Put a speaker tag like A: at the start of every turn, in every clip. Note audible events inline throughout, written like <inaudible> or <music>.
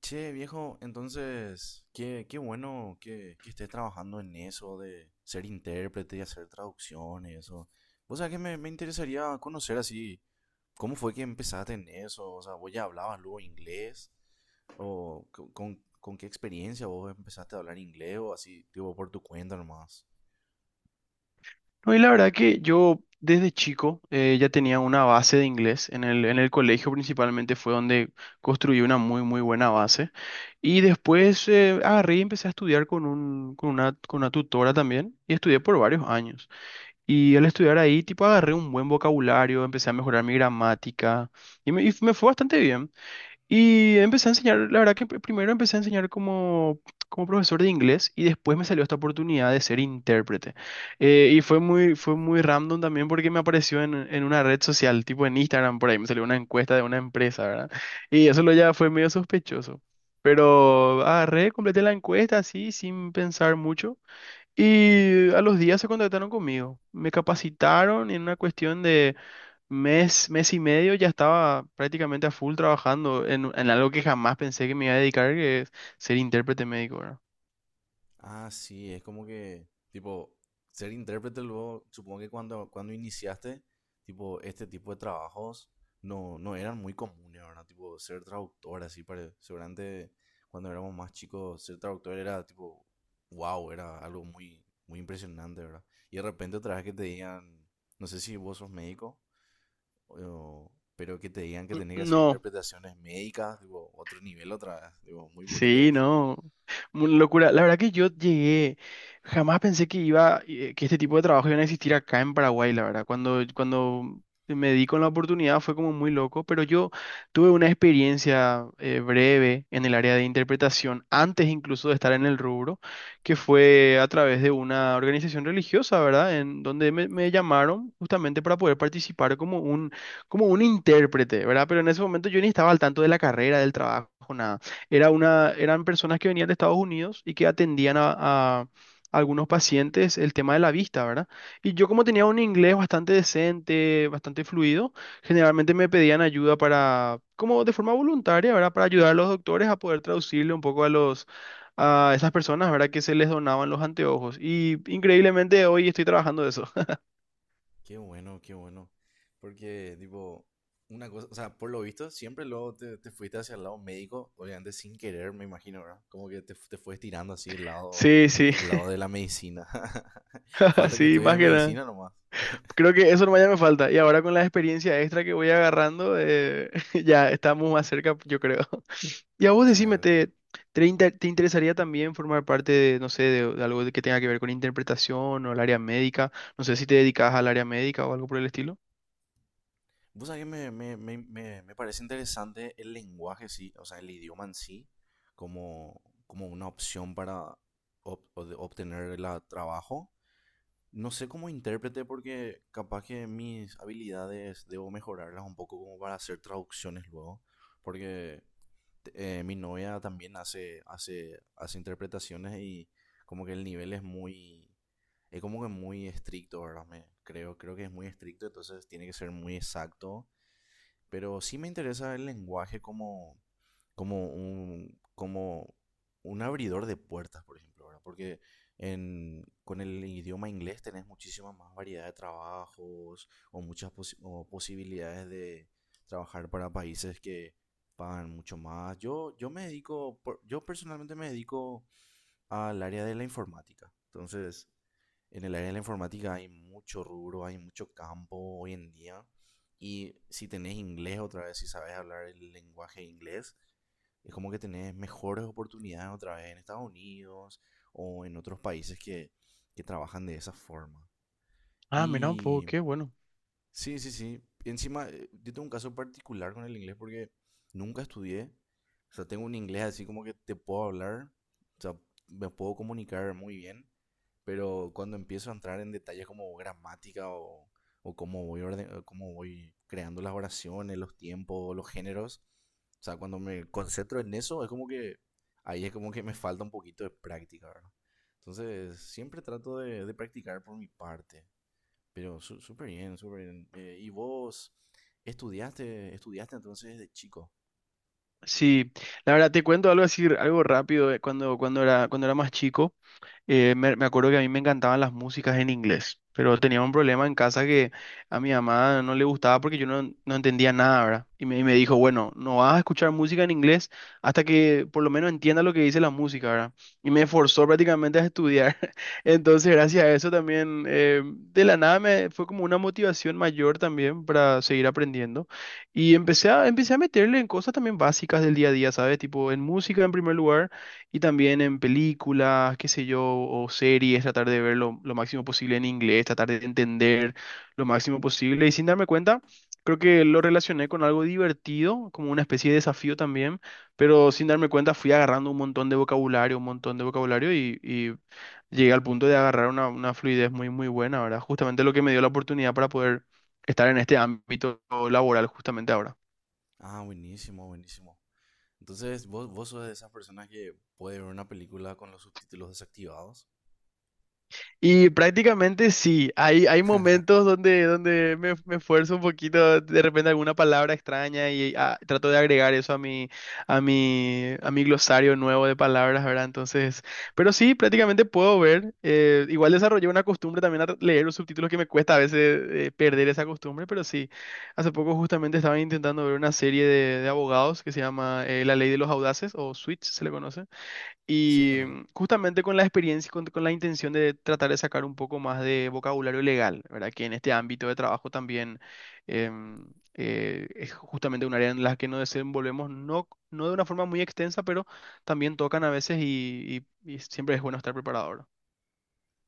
A: Che, viejo, entonces, qué bueno que estés trabajando en eso de ser intérprete y hacer traducciones eso. O sea, que me interesaría conocer así, ¿cómo fue que empezaste en eso? O sea, ¿vos ya hablabas luego inglés? ¿O con qué experiencia vos empezaste a hablar inglés o así, tipo, por tu cuenta nomás?
B: No, y la verdad que yo desde chico ya tenía una base de inglés. En el colegio principalmente fue donde construí una muy buena base. Y después agarré y empecé a estudiar con una tutora también. Y estudié por varios años. Y al estudiar ahí, tipo, agarré un buen vocabulario, empecé a mejorar mi gramática. Y me fue bastante bien. Y empecé a enseñar, la verdad que primero empecé a enseñar como, como profesor de inglés y después me salió esta oportunidad de ser intérprete. Fue muy random también porque me apareció en una red social, tipo en Instagram, por ahí me salió una encuesta de una empresa, ¿verdad? Y eso lo ya fue medio sospechoso. Pero agarré, completé la encuesta así, sin pensar mucho. Y a los días se contactaron conmigo. Me capacitaron en una cuestión mes, mes y medio ya estaba prácticamente a full trabajando en algo que jamás pensé que me iba a dedicar, que es ser intérprete médico, ¿verdad?
A: Ah, sí, es como que, tipo, ser intérprete luego, supongo que cuando iniciaste, tipo, este tipo de trabajos no eran muy comunes, ¿verdad? Tipo, ser traductor, así, seguramente cuando éramos más chicos, ser traductor era, tipo, wow, era algo muy, muy impresionante, ¿verdad? Y de repente otra vez que te digan, no sé si vos sos médico, pero que te digan que tenés que hacer
B: No,
A: interpretaciones médicas, tipo, otro nivel otra vez, digo, muy purete
B: sí,
A: es.
B: no. Una locura. La verdad que yo llegué, jamás pensé que que este tipo de trabajo iban a existir acá en Paraguay, la verdad. Cuando me di con la oportunidad fue como muy loco, pero yo tuve una experiencia breve en el área de interpretación, antes incluso de estar en el rubro, que fue a través de una organización religiosa, ¿verdad? En donde me llamaron justamente para poder participar como un intérprete, ¿verdad? Pero en ese momento yo ni estaba al tanto de la carrera, del trabajo, nada. Eran personas que venían de Estados Unidos y que atendían a algunos pacientes el tema de la vista, ¿verdad? Y yo como tenía un inglés bastante decente, bastante fluido, generalmente me pedían ayuda para, como de forma voluntaria, ¿verdad? Para ayudar a los doctores a poder traducirle un poco a los, a esas personas, ¿verdad? Que se les donaban los anteojos. Y increíblemente hoy estoy trabajando de eso. <laughs>
A: Qué bueno, qué bueno. Porque, tipo, una cosa, o sea, por lo visto, siempre luego te, te fuiste hacia el lado médico, obviamente sin querer, me imagino, ¿verdad? Como que te, te fuiste tirando así
B: Sí, sí,
A: el lado de la medicina. <laughs>
B: <laughs>
A: Falta que
B: sí,
A: estudies
B: más
A: de
B: que nada.
A: medicina nomás.
B: Creo que eso nomás ya me falta. Y ahora con la experiencia extra que voy agarrando, <laughs> ya estamos más cerca, yo creo. <laughs> Y a vos decime,
A: Claro, claro.
B: ¿ te interesaría también formar parte de, no sé, de algo que tenga que ver con interpretación o el área médica? No sé si te dedicas al área médica o algo por el estilo.
A: Vos sabés que me parece interesante el lenguaje, sí, o sea, el idioma en sí, como, como una opción para obtener el trabajo. No sé cómo intérprete porque capaz que mis habilidades debo mejorarlas un poco como para hacer traducciones luego. Porque mi novia también hace interpretaciones y como que el nivel es muy... Es como que muy estricto, ¿verdad? Creo, creo que es muy estricto, entonces tiene que ser muy exacto, pero sí me interesa el lenguaje como, como un abridor de puertas, por ejemplo, ¿verdad? Porque en, con el idioma inglés tenés muchísima más variedad de trabajos o muchas posi- o posibilidades de trabajar para países que pagan mucho más. Yo me dedico, yo personalmente me dedico al área de la informática. Entonces, en el área de la informática hay mucho rubro, hay mucho campo hoy en día. Y si tenés inglés otra vez, si sabes hablar el lenguaje inglés, es como que tenés mejores oportunidades otra vez en Estados Unidos o en otros países que trabajan de esa forma.
B: Ah, mira un poco,
A: Y
B: qué bueno.
A: sí, sí, sí. Y encima, yo tengo un caso particular con el inglés porque nunca estudié. O sea, tengo un inglés así como que te puedo hablar, o sea, me puedo comunicar muy bien, pero cuando empiezo a entrar en detalles como gramática o cómo voy orden- o cómo voy creando las oraciones, los tiempos, los géneros, o sea, cuando me concentro en eso, es como que ahí es como que me falta un poquito de práctica, ¿verdad? Entonces, siempre trato de practicar por mi parte. Pero súper bien, súper bien. ¿Y vos estudiaste entonces desde chico?
B: Sí, la verdad te cuento algo así, algo rápido. Cuando cuando era más chico. Me acuerdo que a mí me encantaban las músicas en inglés, pero tenía un problema en casa que a mi mamá no le gustaba porque yo no entendía nada, ¿verdad? Y me dijo, bueno, no vas a escuchar música en inglés hasta que por lo menos entiendas lo que dice la música, ¿verdad? Y me forzó prácticamente a estudiar. <laughs> Entonces, gracias a eso también, de la nada me fue como una motivación mayor también para seguir aprendiendo. Y empecé a meterle en cosas también básicas del día a día, ¿sabes? Tipo en música en primer lugar. Y también en películas, qué sé yo, o series, tratar de ver lo máximo posible en inglés, tratar de entender lo máximo posible. Y sin darme cuenta, creo que lo relacioné con algo divertido, como una especie de desafío también, pero sin darme cuenta fui agarrando un montón de vocabulario, un montón de vocabulario y llegué al punto de agarrar una fluidez muy buena, ¿verdad? Justamente lo que me dio la oportunidad para poder estar en este ámbito laboral justamente ahora.
A: Ah, buenísimo, buenísimo. Entonces, ¿vos sos de esas personas que puede ver una película con los subtítulos desactivados?
B: Y prácticamente sí, hay momentos donde, donde me esfuerzo un poquito, de repente alguna palabra extraña y ah, trato de agregar eso a a mi glosario nuevo de palabras, ¿verdad? Entonces, pero sí, prácticamente puedo ver. Igual desarrollé una costumbre también a leer los subtítulos que me cuesta a veces perder esa costumbre, pero sí, hace poco justamente estaba intentando ver una serie de abogados que se llama La Ley de los Audaces o Switch, se le conoce.
A: Sí,
B: Y
A: conozco.
B: mm, justamente con la experiencia, con la intención de tratar de sacar un poco más de vocabulario legal, ¿verdad? Que en este ámbito de trabajo también em, es justamente un área en la que nos desenvolvemos, no de una forma muy extensa, pero también tocan a veces y siempre es bueno estar preparado, ¿verdad?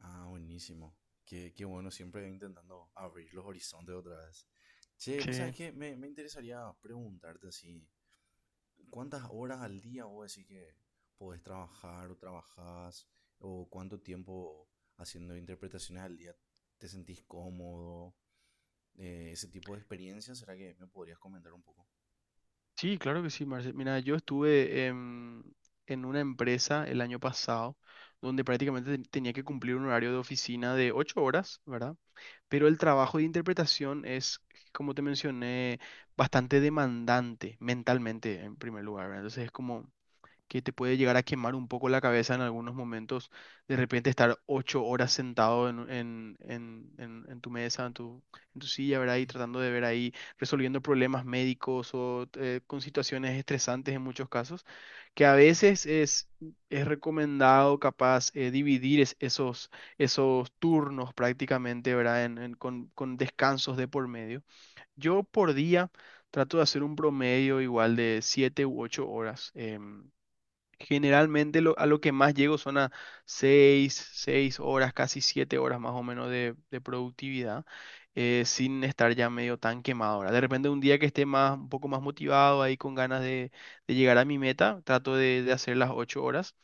A: Ah, buenísimo. Qué, qué bueno, siempre intentando abrir los horizontes otra vez. Che, vos sabés
B: Sí,
A: que me interesaría preguntarte así, ¿cuántas horas al día vos decís que podés trabajar o trabajás? ¿O cuánto tiempo haciendo interpretaciones al día te sentís cómodo? Ese tipo de experiencias, ¿será que me podrías comentar un poco?
B: sí, claro que sí, Marce. Mira, yo estuve en una empresa el año pasado donde prácticamente tenía que cumplir un horario de oficina de ocho horas, ¿verdad? Pero el trabajo de interpretación es, como te mencioné, bastante demandante mentalmente en primer lugar, ¿verdad? Entonces es como que te puede llegar a quemar un poco la cabeza en algunos momentos, de repente estar ocho horas sentado en tu mesa, en tu silla, ¿verdad? Y tratando de ver ahí, resolviendo problemas médicos o con situaciones estresantes en muchos casos, que a veces es recomendado capaz dividir esos turnos prácticamente, ¿verdad? Con descansos de por medio. Yo por día... Trato de hacer un promedio igual de siete u ocho horas. Generalmente a lo que más llego son a 6 horas, casi 7 horas más o menos de productividad, sin estar ya medio tan quemado. Ahora, de repente un día que esté más, un poco más motivado ahí con ganas de llegar a mi meta, trato de hacer las 8 horas,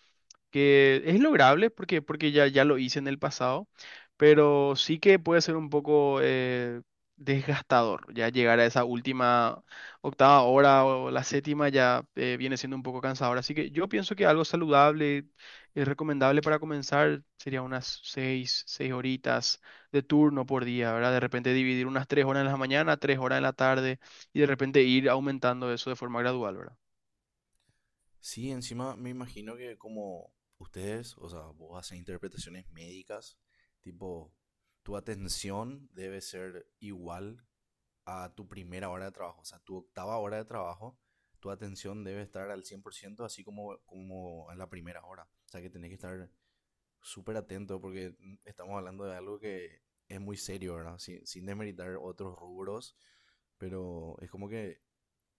B: que es lograble porque ya lo hice en el pasado, pero sí que puede ser un poco desgastador. Ya llegar a esa última octava hora o la séptima ya viene siendo un poco cansador. Así que yo pienso que algo saludable y recomendable para comenzar sería unas seis horitas de turno por día, ¿verdad? De repente dividir unas tres horas en la mañana, tres horas en la tarde y de repente ir aumentando eso de forma gradual, ¿verdad?
A: Sí, encima me imagino que como ustedes, o sea, vos haces interpretaciones médicas, tipo, tu atención debe ser igual a tu primera hora de trabajo, o sea, tu octava hora de trabajo, tu atención debe estar al 100%, así como, como en la primera hora. O sea, que tenés que estar súper atento porque mm, estamos hablando de algo que es muy serio, ¿verdad? Sin desmeritar otros rubros, pero es como que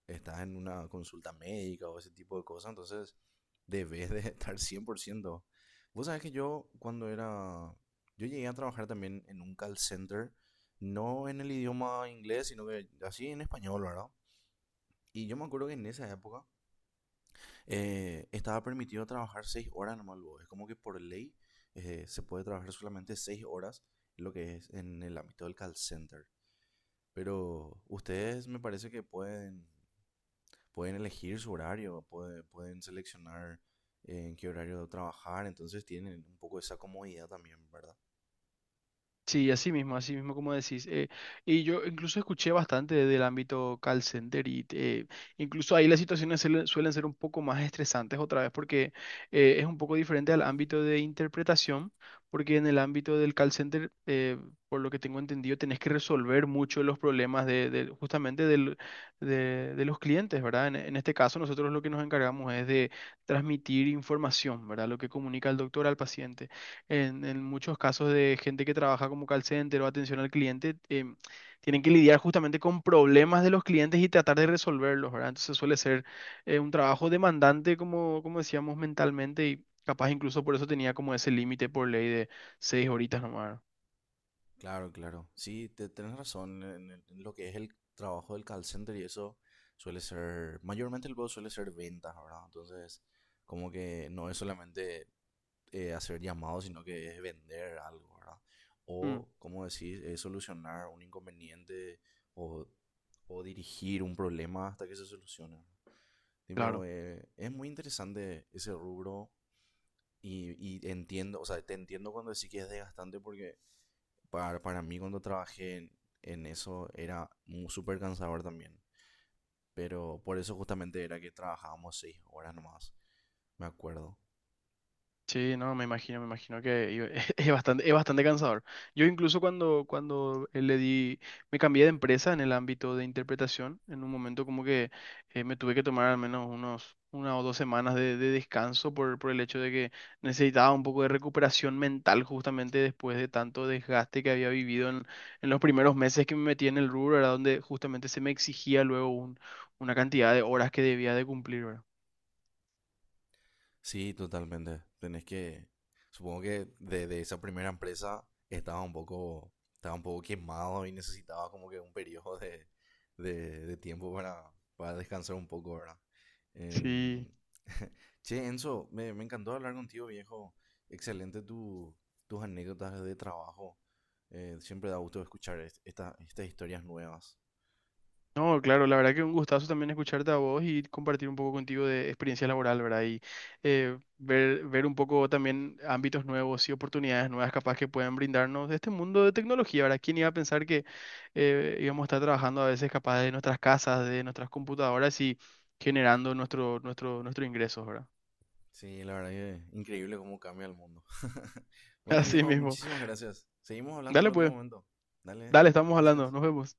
A: estás en una consulta médica o ese tipo de cosas, entonces debes de <laughs> estar 100%. Vos sabés que yo cuando era... Yo llegué a trabajar también en un call center, no en el idioma inglés, sino que así en español, ¿verdad? Y yo me acuerdo que en esa época estaba permitido trabajar 6 horas nomás, luego. Es como que por ley se puede trabajar solamente 6 horas, lo que es en el ámbito del call center. Pero ustedes me parece que pueden pueden elegir su horario, pueden seleccionar en qué horario trabajar, entonces tienen un poco esa comodidad también, ¿verdad?
B: Sí, así mismo como decís. Y yo incluso escuché bastante del ámbito call center y incluso ahí las situaciones suelen suelen ser un poco más estresantes otra vez porque es un poco diferente al ámbito de interpretación, porque en el ámbito del call center, por lo que tengo entendido, tenés que resolver mucho los problemas justamente de los clientes, ¿verdad? En este caso, nosotros lo que nos encargamos es de transmitir información, ¿verdad? Lo que comunica el doctor al paciente. En muchos casos de gente que trabaja como call center o atención al cliente, tienen que lidiar justamente con problemas de los clientes y tratar de resolverlos, ¿verdad? Entonces suele ser un trabajo demandante, como, como decíamos, mentalmente y capaz incluso por eso tenía como ese límite por ley de seis horitas nomás.
A: Claro, claro. Sí, te, tenés razón en, en lo que es el trabajo del call center y eso suele ser, mayormente el juego suele ser ventas, ¿verdad? Entonces, como que no es solamente hacer llamados, sino que es vender algo, ¿verdad?
B: ¿No? Mm,
A: O, como decís, es solucionar un inconveniente o, o dirigir un problema hasta que se solucione. Tipo,
B: claro.
A: es muy interesante ese rubro y entiendo, o sea, te entiendo cuando decís que es desgastante porque para mí cuando trabajé en eso era súper cansador también. Pero por eso justamente era que trabajábamos 6 horas nomás, me acuerdo.
B: Sí, no, me imagino <laughs> es bastante cansador. Yo incluso cuando me cambié de empresa en el ámbito de interpretación, en un momento como que me tuve que tomar al menos una o dos semanas de descanso por el hecho de que necesitaba un poco de recuperación mental justamente después de tanto desgaste que había vivido en los primeros meses que me metí en el rubro, era donde justamente se me exigía luego una cantidad de horas que debía de cumplir, ¿verdad?
A: Sí, totalmente. Tenés que, supongo que de esa primera empresa estaba un poco quemado y necesitaba como que un periodo de tiempo para descansar un poco, ¿verdad?
B: Sí.
A: Em, <laughs> che, Enzo, me encantó hablar contigo, viejo. Excelente tu, tus anécdotas de trabajo. Siempre da gusto escuchar estas historias nuevas.
B: No, claro, la verdad que un gustazo también escucharte a vos y compartir un poco contigo de experiencia laboral, ¿verdad? Y ver un poco también ámbitos nuevos y oportunidades nuevas capaz que pueden brindarnos de este mundo de tecnología, ¿verdad? ¿Quién iba a pensar que íbamos a estar trabajando a veces capaz de nuestras casas, de nuestras computadoras y generando nuestro ingreso, ¿verdad?
A: Sí, la verdad que increíble cómo cambia el mundo. <laughs>
B: <laughs>
A: Bueno,
B: Así
A: viejo,
B: mismo.
A: muchísimas gracias. Seguimos hablando en
B: Dale
A: otro
B: pues,
A: momento. Dale,
B: dale, estamos hablando,
A: gracias.
B: nos vemos.